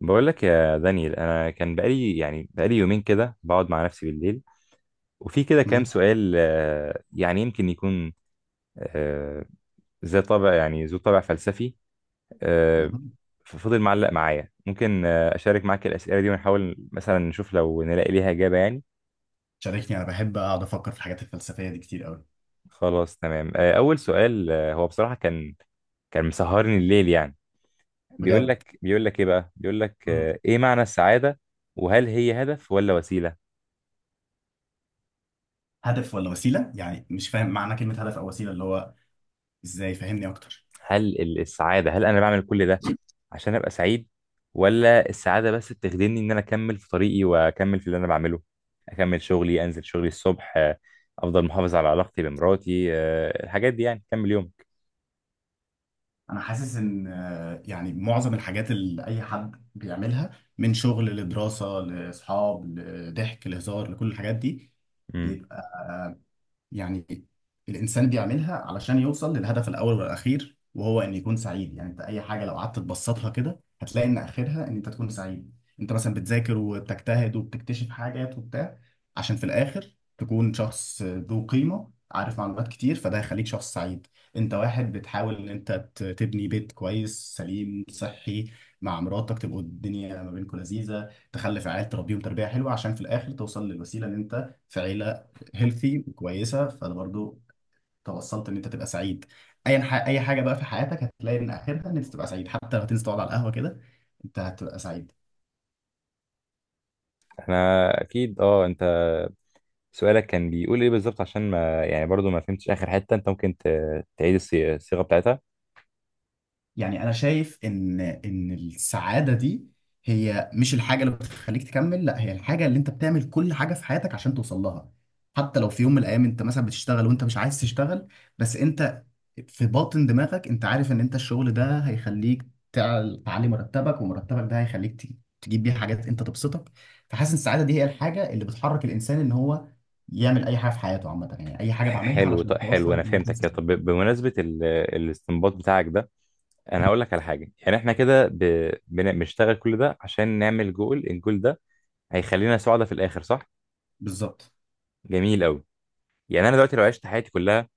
بقول لك يا دانيال، انا كان بقالي يومين كده بقعد مع نفسي بالليل، وفي كده كام مم. سؤال، يعني يمكن يكون آه، ذا طابع، يعني ذو طابع فلسفي. آه، مم. فضل معلق معايا، ممكن اشارك معاك الاسئله دي، ونحاول مثلا نشوف لو نلاقي ليها اجابه يعني. شاركني، انا بحب اقعد افكر في الحاجات الفلسفيه دي كتير قوي. خلاص تمام. اول سؤال، هو بصراحه كان مسهرني الليل يعني. بيقول بجد. لك بيقول لك ايه بقى بيقول لك مم. ايه معنى السعاده؟ وهل هي هدف ولا وسيله؟ هدف ولا وسيله؟ يعني مش فاهم معنى كلمه هدف او وسيله، اللي هو ازاي؟ فهمني اكتر. هل السعاده، هل انا بعمل كل ده عشان ابقى سعيد؟ ولا السعاده بس بتخدمني ان انا اكمل في طريقي، واكمل في اللي انا بعمله، اكمل شغلي، انزل شغلي الصبح، افضل محافظ على علاقتي بمراتي، الحاجات دي يعني كمل يومك. انا حاسس ان يعني معظم الحاجات اللي اي حد بيعملها، من شغل لدراسه لاصحاب لضحك لهزار لكل الحاجات دي، امم. يعني الإنسان بيعملها علشان يوصل للهدف الأول والأخير، وهو إن يكون سعيد. يعني أنت أي حاجة لو قعدت تبسطها كده هتلاقي إن آخرها إن أنت تكون سعيد. أنت مثلا بتذاكر وبتجتهد وبتكتشف حاجات وبتاع، عشان في الآخر تكون شخص ذو قيمة، عارف معلومات كتير، فده هيخليك شخص سعيد. أنت واحد بتحاول إن أنت تبني بيت كويس سليم صحي مع مراتك، تبقوا الدنيا ما بينكم لذيذة، تخلف عيال تربيهم تربية حلوة، عشان في الآخر توصل للوسيلة إن أنت في عيلة هيلثي وكويسه. فانا برضو توصلت ان انت تبقى سعيد. اي اي حاجه بقى في حياتك هتلاقي ان اخرها ان انت تبقى سعيد، حتى لو هتنزل تقعد على القهوه كده، انت هتبقى سعيد. احنا اكيد اه. انت سؤالك كان بيقول ايه بالظبط؟ عشان ما يعني برضو ما فهمتش اخر حته. انت ممكن تعيد الصيغه بتاعتها؟ يعني انا شايف ان السعاده دي هي مش الحاجه اللي بتخليك تكمل، لا، هي الحاجه اللي انت بتعمل كل حاجه في حياتك عشان توصل لها. حتى لو في يوم من الايام انت مثلا بتشتغل وانت مش عايز تشتغل، بس انت في باطن دماغك انت عارف ان انت الشغل ده هيخليك تعلي مرتبك، ومرتبك ده هيخليك تجيب بيه حاجات انت تبسطك. فحاسس إن السعاده دي هي الحاجه اللي بتحرك الانسان ان هو يعمل اي حاجه في حياته عامه. يعني اي حاجه بعملها حلو. علشان توصل حلو، انا ان انا أكون فهمتك كده. سعيد. طب بمناسبه الاستنباط بتاعك ده، انا هقول لك على حاجه. يعني احنا كده بنشتغل كل ده عشان نعمل جول، الجول ده هيخلينا سعداء في الاخر، صح؟ بالظبط. جميل قوي. يعني انا دلوقتي لو عشت حياتي كلها،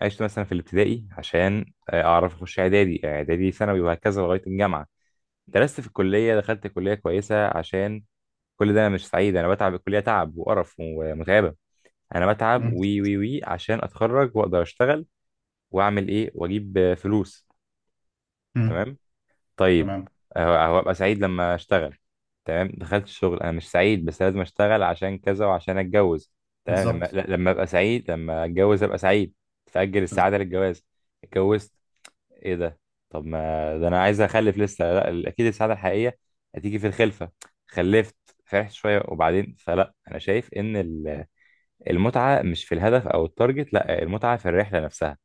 عشت مثلا في الابتدائي عشان اعرف اخش اعدادي، اعدادي ثانوي، وهكذا لغايه الجامعه. درست في الكليه، دخلت كليه كويسه عشان، كل ده انا مش سعيد. انا بتعب الكليه، تعب وقرف ومتعبه. انا بتعب مم. وي وي وي عشان اتخرج واقدر اشتغل، واعمل ايه، واجيب فلوس. مم. تمام. طيب. تمام. هبقى سعيد لما اشتغل. تمام. دخلت الشغل، انا مش سعيد بس لازم اشتغل عشان كذا، وعشان اتجوز. تمام. لما بالظبط. ل- لما ابقى سعيد، لما اتجوز ابقى سعيد. فاجل بالظبط. السعاده للجواز. اتجوزت. ايه ده؟ طب ما ده انا عايز اخلف لسه. لا اكيد السعاده الحقيقيه هتيجي في الخلفه. خلفت. فرحت شويه وبعدين فلا. انا شايف ان المتعه مش في الهدف او التارجت، لا، المتعه في الرحله نفسها.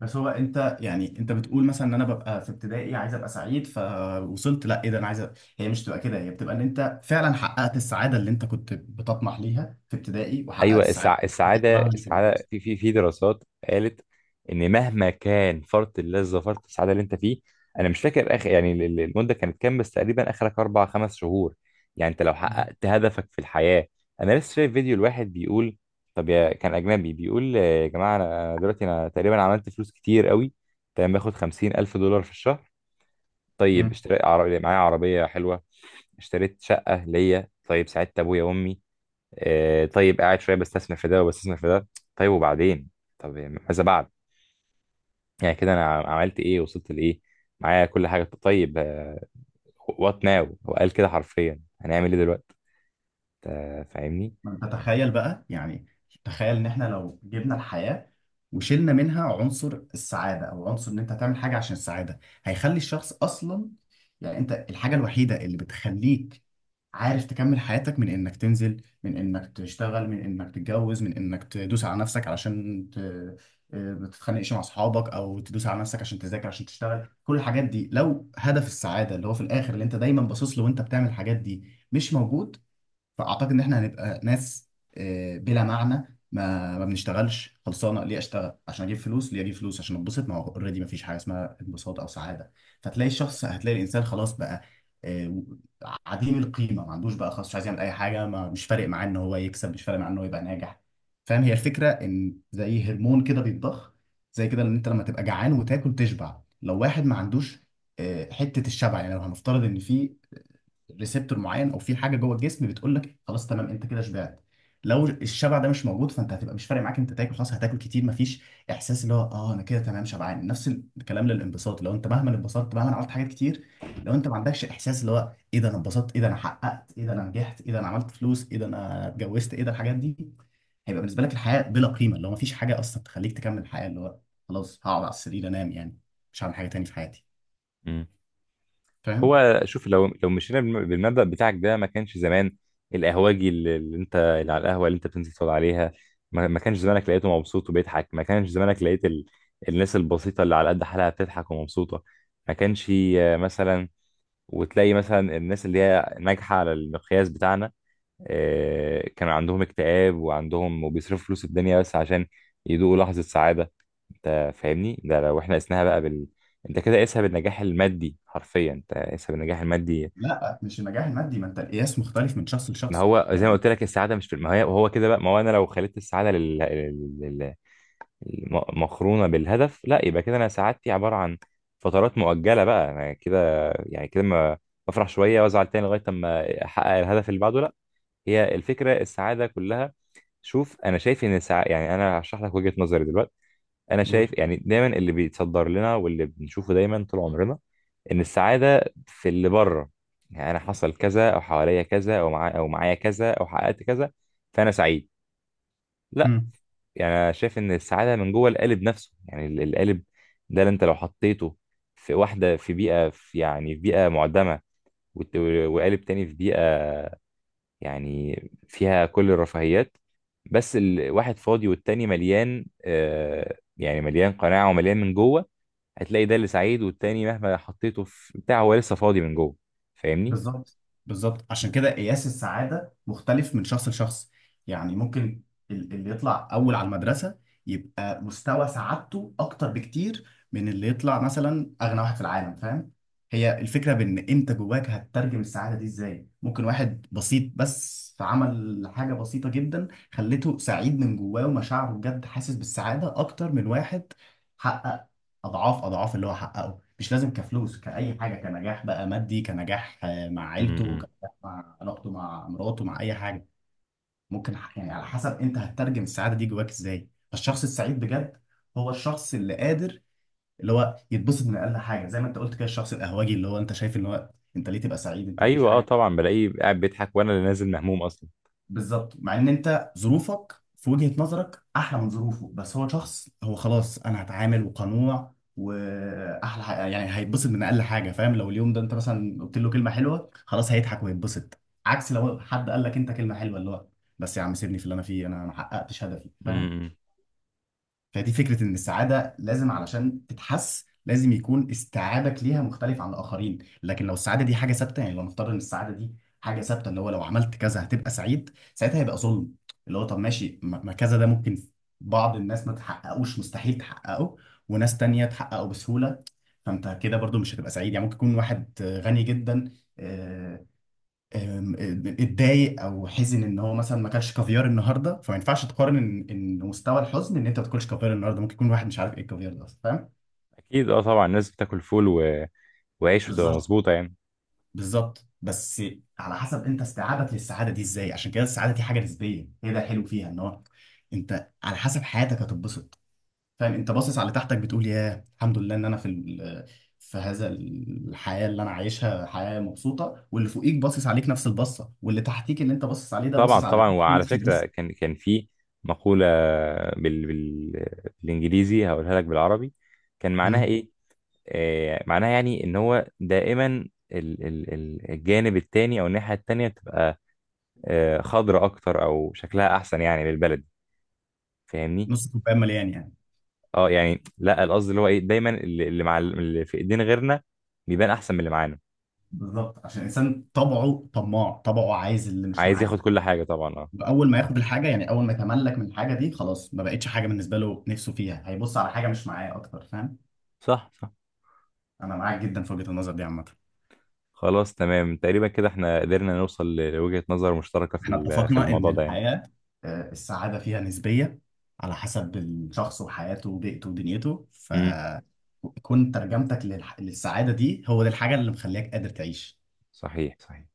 بس هو انت يعني انت بتقول مثلا ان انا ببقى في ابتدائي عايز ابقى سعيد، فوصلت لا ايه ده انا عايز هي مش بتبقى كده، هي بتبقى ان انت فعلا حققت السعاده اللي انت كنت بتطمح ليها في ابتدائي، وحققت ايوه السعاده اللي كنت السعاده بتطمح لها في الجامعة. السعاده في في في دراسات قالت ان مهما كان فرط اللذه، فرط السعاده اللي انت فيه، انا مش فاكر اخر، يعني المده كانت كام، بس تقريبا اخرك اربع خمس شهور. يعني انت لو حققت هدفك في الحياه. انا لسه شايف فيديو الواحد بيقول، طب يا كان اجنبي، بيقول يا جماعه، انا دلوقتي انا تقريبا عملت فلوس كتير قوي. تمام. باخد 50,000 دولار في الشهر. طيب مم. اشتريت عربية، معايا عربيه حلوه. اشتريت شقه ليا. طيب ساعدت ابويا وامي. طيب قاعد شويه بستثمر في ده وبستثمر في ده. طيب وبعدين؟ طب يعني ماذا بعد؟ يعني كده انا عملت ايه؟ وصلت لايه؟ معايا كل حاجه. طيب وات ناو، هو قال كده حرفيا، هنعمل ايه دلوقتي؟ أنت فاهمني. ما انت تخيل بقى، يعني تخيل ان احنا لو جبنا الحياة وشلنا منها عنصر السعادة، او عنصر ان انت تعمل حاجة عشان السعادة، هيخلي الشخص اصلا، يعني انت الحاجة الوحيدة اللي بتخليك عارف تكمل حياتك، من انك تنزل، من انك تشتغل، من انك تتجوز، من انك تدوس على نفسك علشان ت... آه، ما تتخانقش مع اصحابك، او تدوس على نفسك عشان تذاكر عشان تشتغل، كل الحاجات دي لو هدف السعادة اللي هو في الاخر اللي انت دايما باصص له وانت بتعمل الحاجات دي مش موجود، فاعتقد ان احنا هنبقى ناس بلا معنى. ما بنشتغلش خلصانه. ليه اشتغل؟ عشان اجيب فلوس. ليه اجيب فلوس؟ عشان اتبسط. ما هو اوريدي ما فيش حاجه اسمها انبساط او سعاده. فتلاقي الشخص، هتلاقي الانسان خلاص بقى آه، عديم القيمه، ما عندوش بقى خلاص، مش عايز يعمل اي حاجه، ما مش فارق معاه ان هو يكسب، مش فارق معاه ان هو يبقى ناجح. فاهم؟ هي الفكره ان زي هرمون كده بيتضخ. زي كده ان انت لما تبقى جعان وتاكل تشبع. لو واحد ما عندوش حته الشبع، يعني لو هنفترض ان في ريسبتور معين او في حاجه جوه الجسم بتقول لك خلاص تمام انت كده شبعت، لو الشبع ده مش موجود فانت هتبقى مش فارق معاك انت تاكل، خلاص هتاكل كتير، مفيش احساس اللي هو انا كده تمام شبعان. نفس الكلام للانبساط. لو انت مهما انبسطت، مهما عملت حاجات كتير، لو انت ما عندكش احساس اللي هو ايه ده انا انبسطت، ايه ده انا حققت، ايه ده انا نجحت، ايه ده انا عملت فلوس، ايه ده انا اتجوزت، ايه ده الحاجات دي، هيبقى بالنسبه لك الحياه بلا قيمه، اللي هو مفيش حاجه اصلا تخليك تكمل الحياه. اللي هو خلاص هقعد على السرير انام يعني، مش هعمل حاجه تاني في حياتي. مم. فاهم؟ هو شوف، لو مشينا بالمبدأ بتاعك ده، ما كانش زمان القهوجي، اللي انت اللي على القهوة اللي انت بتنزل تقعد عليها، ما كانش زمانك لقيته مبسوط وبيضحك؟ ما كانش زمانك لقيت الناس البسيطة اللي على قد حالها بتضحك ومبسوطة؟ ما كانش مثلا، وتلاقي مثلا الناس اللي هي ناجحة على المقياس بتاعنا، كان عندهم اكتئاب، وعندهم، وبيصرفوا فلوس الدنيا بس عشان يدوقوا لحظة سعادة. انت فاهمني؟ ده لو احنا قسناها بقى بال، انت كده قيسها بالنجاح المادي، حرفيا انت قيسها بالنجاح المادي. لا مش النجاح المادي. ما انت القياس مختلف من شخص ما لشخص هو زي ما يعني. قلت لك، السعادة مش في، ما هي هو كده بقى. ما هو انا لو خليت السعادة لل... مقرونة بالهدف، لا يبقى كده انا سعادتي عبارة عن فترات مؤجلة بقى. انا كده يعني كده ما بفرح شوية وازعل تاني لغاية اما احقق الهدف اللي بعده. هي الفكره السعاده كلها. شوف، انا شايف ان السعاده، يعني انا هشرح لك وجهه نظري دلوقتي، انا قول. شايف يعني دايما اللي بيتصدر لنا واللي بنشوفه دايما طول عمرنا، ان السعاده في اللي بره. يعني انا حصل كذا، او حواليا كذا، او معايا كذا، او حققت كذا، فانا سعيد. لا. مم. يعني انا شايف ان السعاده من جوه القالب نفسه. يعني القالب ده اللي انت لو حطيته في واحده في بيئه، في يعني في بيئه معدمه، والت- وقالب تاني في بيئه يعني فيها كل الرفاهيات، بس الواحد فاضي والتاني مليان، آه يعني مليان قناعة ومليان من جوه، هتلاقي ده اللي سعيد، والتاني مهما حطيته في بتاع هو لسه فاضي من جوه. فاهمني؟ بالظبط. بالظبط، عشان كده قياس السعادة مختلف من شخص لشخص. يعني ممكن اللي يطلع أول على المدرسة يبقى مستوى سعادته أكتر بكتير من اللي يطلع مثلا أغنى واحد في العالم. فاهم؟ هي الفكرة بإن أنت جواك هتترجم السعادة دي إزاي. ممكن واحد بسيط بس فعمل حاجة بسيطة جدا خلته سعيد من جواه ومشاعره بجد، حاسس بالسعادة أكتر من واحد حقق اضعاف اضعاف اللي هو حققه. مش لازم كفلوس، كأي حاجة، كنجاح بقى مادي، كنجاح مع عيلته، امم. كنجاح مع علاقته مع مراته، مع اي حاجة. ممكن يعني على حسب انت هتترجم السعادة دي جواك ازاي. فالشخص السعيد بجد هو الشخص اللي قادر اللي هو يتبسط من اقل حاجة. زي ما انت قلت كده، الشخص القهوجي اللي هو انت شايف ان هو انت ليه تبقى سعيد، انت مفيش ايوه اه حاجة. طبعا، بلاقيه قاعد بيضحك، وانا اللي نازل مهموم اصلا. بالظبط، مع ان انت ظروفك في وجهة نظرك احلى من ظروفه، بس هو شخص هو خلاص انا هتعامل وقنوع. واحلى يعني هيتبسط من اقل حاجه. فاهم؟ لو اليوم ده انت مثلا قلت له كلمه حلوه، خلاص هيضحك ويتبسط. عكس لو حد قال لك انت كلمه حلوه، اللي هو بس يا عم سيبني في اللي انا فيه، انا ما حققتش هدفي. فاهم؟ امم. فدي فكرة إن السعادة لازم علشان تتحس لازم يكون استيعابك ليها مختلف عن الآخرين. لكن لو السعادة دي حاجة ثابتة، يعني لو نفترض إن السعادة دي حاجة ثابتة، اللي هو لو عملت كذا هتبقى سعيد، ساعتها هيبقى ظلم. اللي هو طب ماشي، ما كذا ده ممكن بعض الناس ما تحققوش، مستحيل تحققه، وناس تانية تحققه بسهولة. فأنت كده برضو مش هتبقى سعيد. يعني ممكن يكون واحد غني جدا، آه، أم، آه، اتضايق او حزن ان هو مثلا ما اكلش كافيار النهارده. فما ينفعش تقارن ان إن مستوى الحزن ان انت ما تاكلش كافيار النهارده، ممكن يكون واحد مش عارف ايه الكافيار ده اصلا. فاهم؟ اكيد اه طبعا، الناس بتاكل فول و... وعيش وتبقى بالظبط. مظبوطه يعني. بالظبط بس على حسب انت استيعابك للسعاده دي ازاي. عشان كده السعاده دي حاجه نسبيه، هي ده الحلو فيها، ان هو انت على حسب حياتك هتتبسط. فاهم؟ انت باصص على تحتك بتقول يا الحمد لله ان انا في في هذا الحياه اللي انا عايشها، حياه مبسوطه. واللي فوقيك باصص عليك نفس البصه، واللي تحتيك اللي انت باصص عليه ده طبعا باصص على طبعا. وعلى نفس البصه. فكره كان في مقوله بال... بال... بالانجليزي، هقولها لك بالعربي. كان معناها ايه؟ معناها يعني ان هو دائما الجانب التاني، او الناحية التانية بتبقى خضرة اكتر، او شكلها احسن يعني للبلد. فاهمني؟ نص كوبايه مليان يعني. اه يعني لا، القصد اللي هو ايه، دايما اللي مع اللي في ايدين غيرنا بيبان احسن من اللي معانا. بالظبط، عشان الانسان طبعه طماع، طبعه عايز اللي مش عايز ياخد معاه. كل حاجة طبعا اه. اول ما ياخد الحاجه، يعني اول ما يتملك من الحاجه دي، خلاص ما بقتش حاجه بالنسبه له، نفسه فيها، هيبص على حاجه مش معاه اكتر. فاهم؟ صح صح. انا معاك جدا في وجهه النظر دي عامه. خلاص تمام، تقريبا كده احنا قدرنا نوصل لوجهة نظر مشتركة في احنا في اتفقنا ان الموضوع ده يعني. الحياه السعاده فيها نسبيه على حسب الشخص وحياته وبيئته ودنيته. امم. فكون ترجمتك للسعاده دي هو دي الحاجه اللي مخليك قادر تعيش. صحيح صحيح.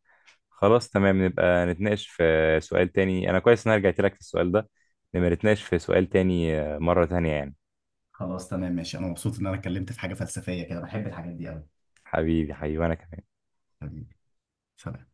خلاص تمام، نبقى نتناقش في سؤال تاني. انا كويس ان انا رجعت لك في السؤال ده. نبقى نتناقش في سؤال تاني مرة تانية يعني. خلاص تمام ماشي، انا مبسوط ان انا اتكلمت في حاجه فلسفيه كده، بحب الحاجات دي قوي. حبيبي حبيبي انا كمان. حبيبي. سلام.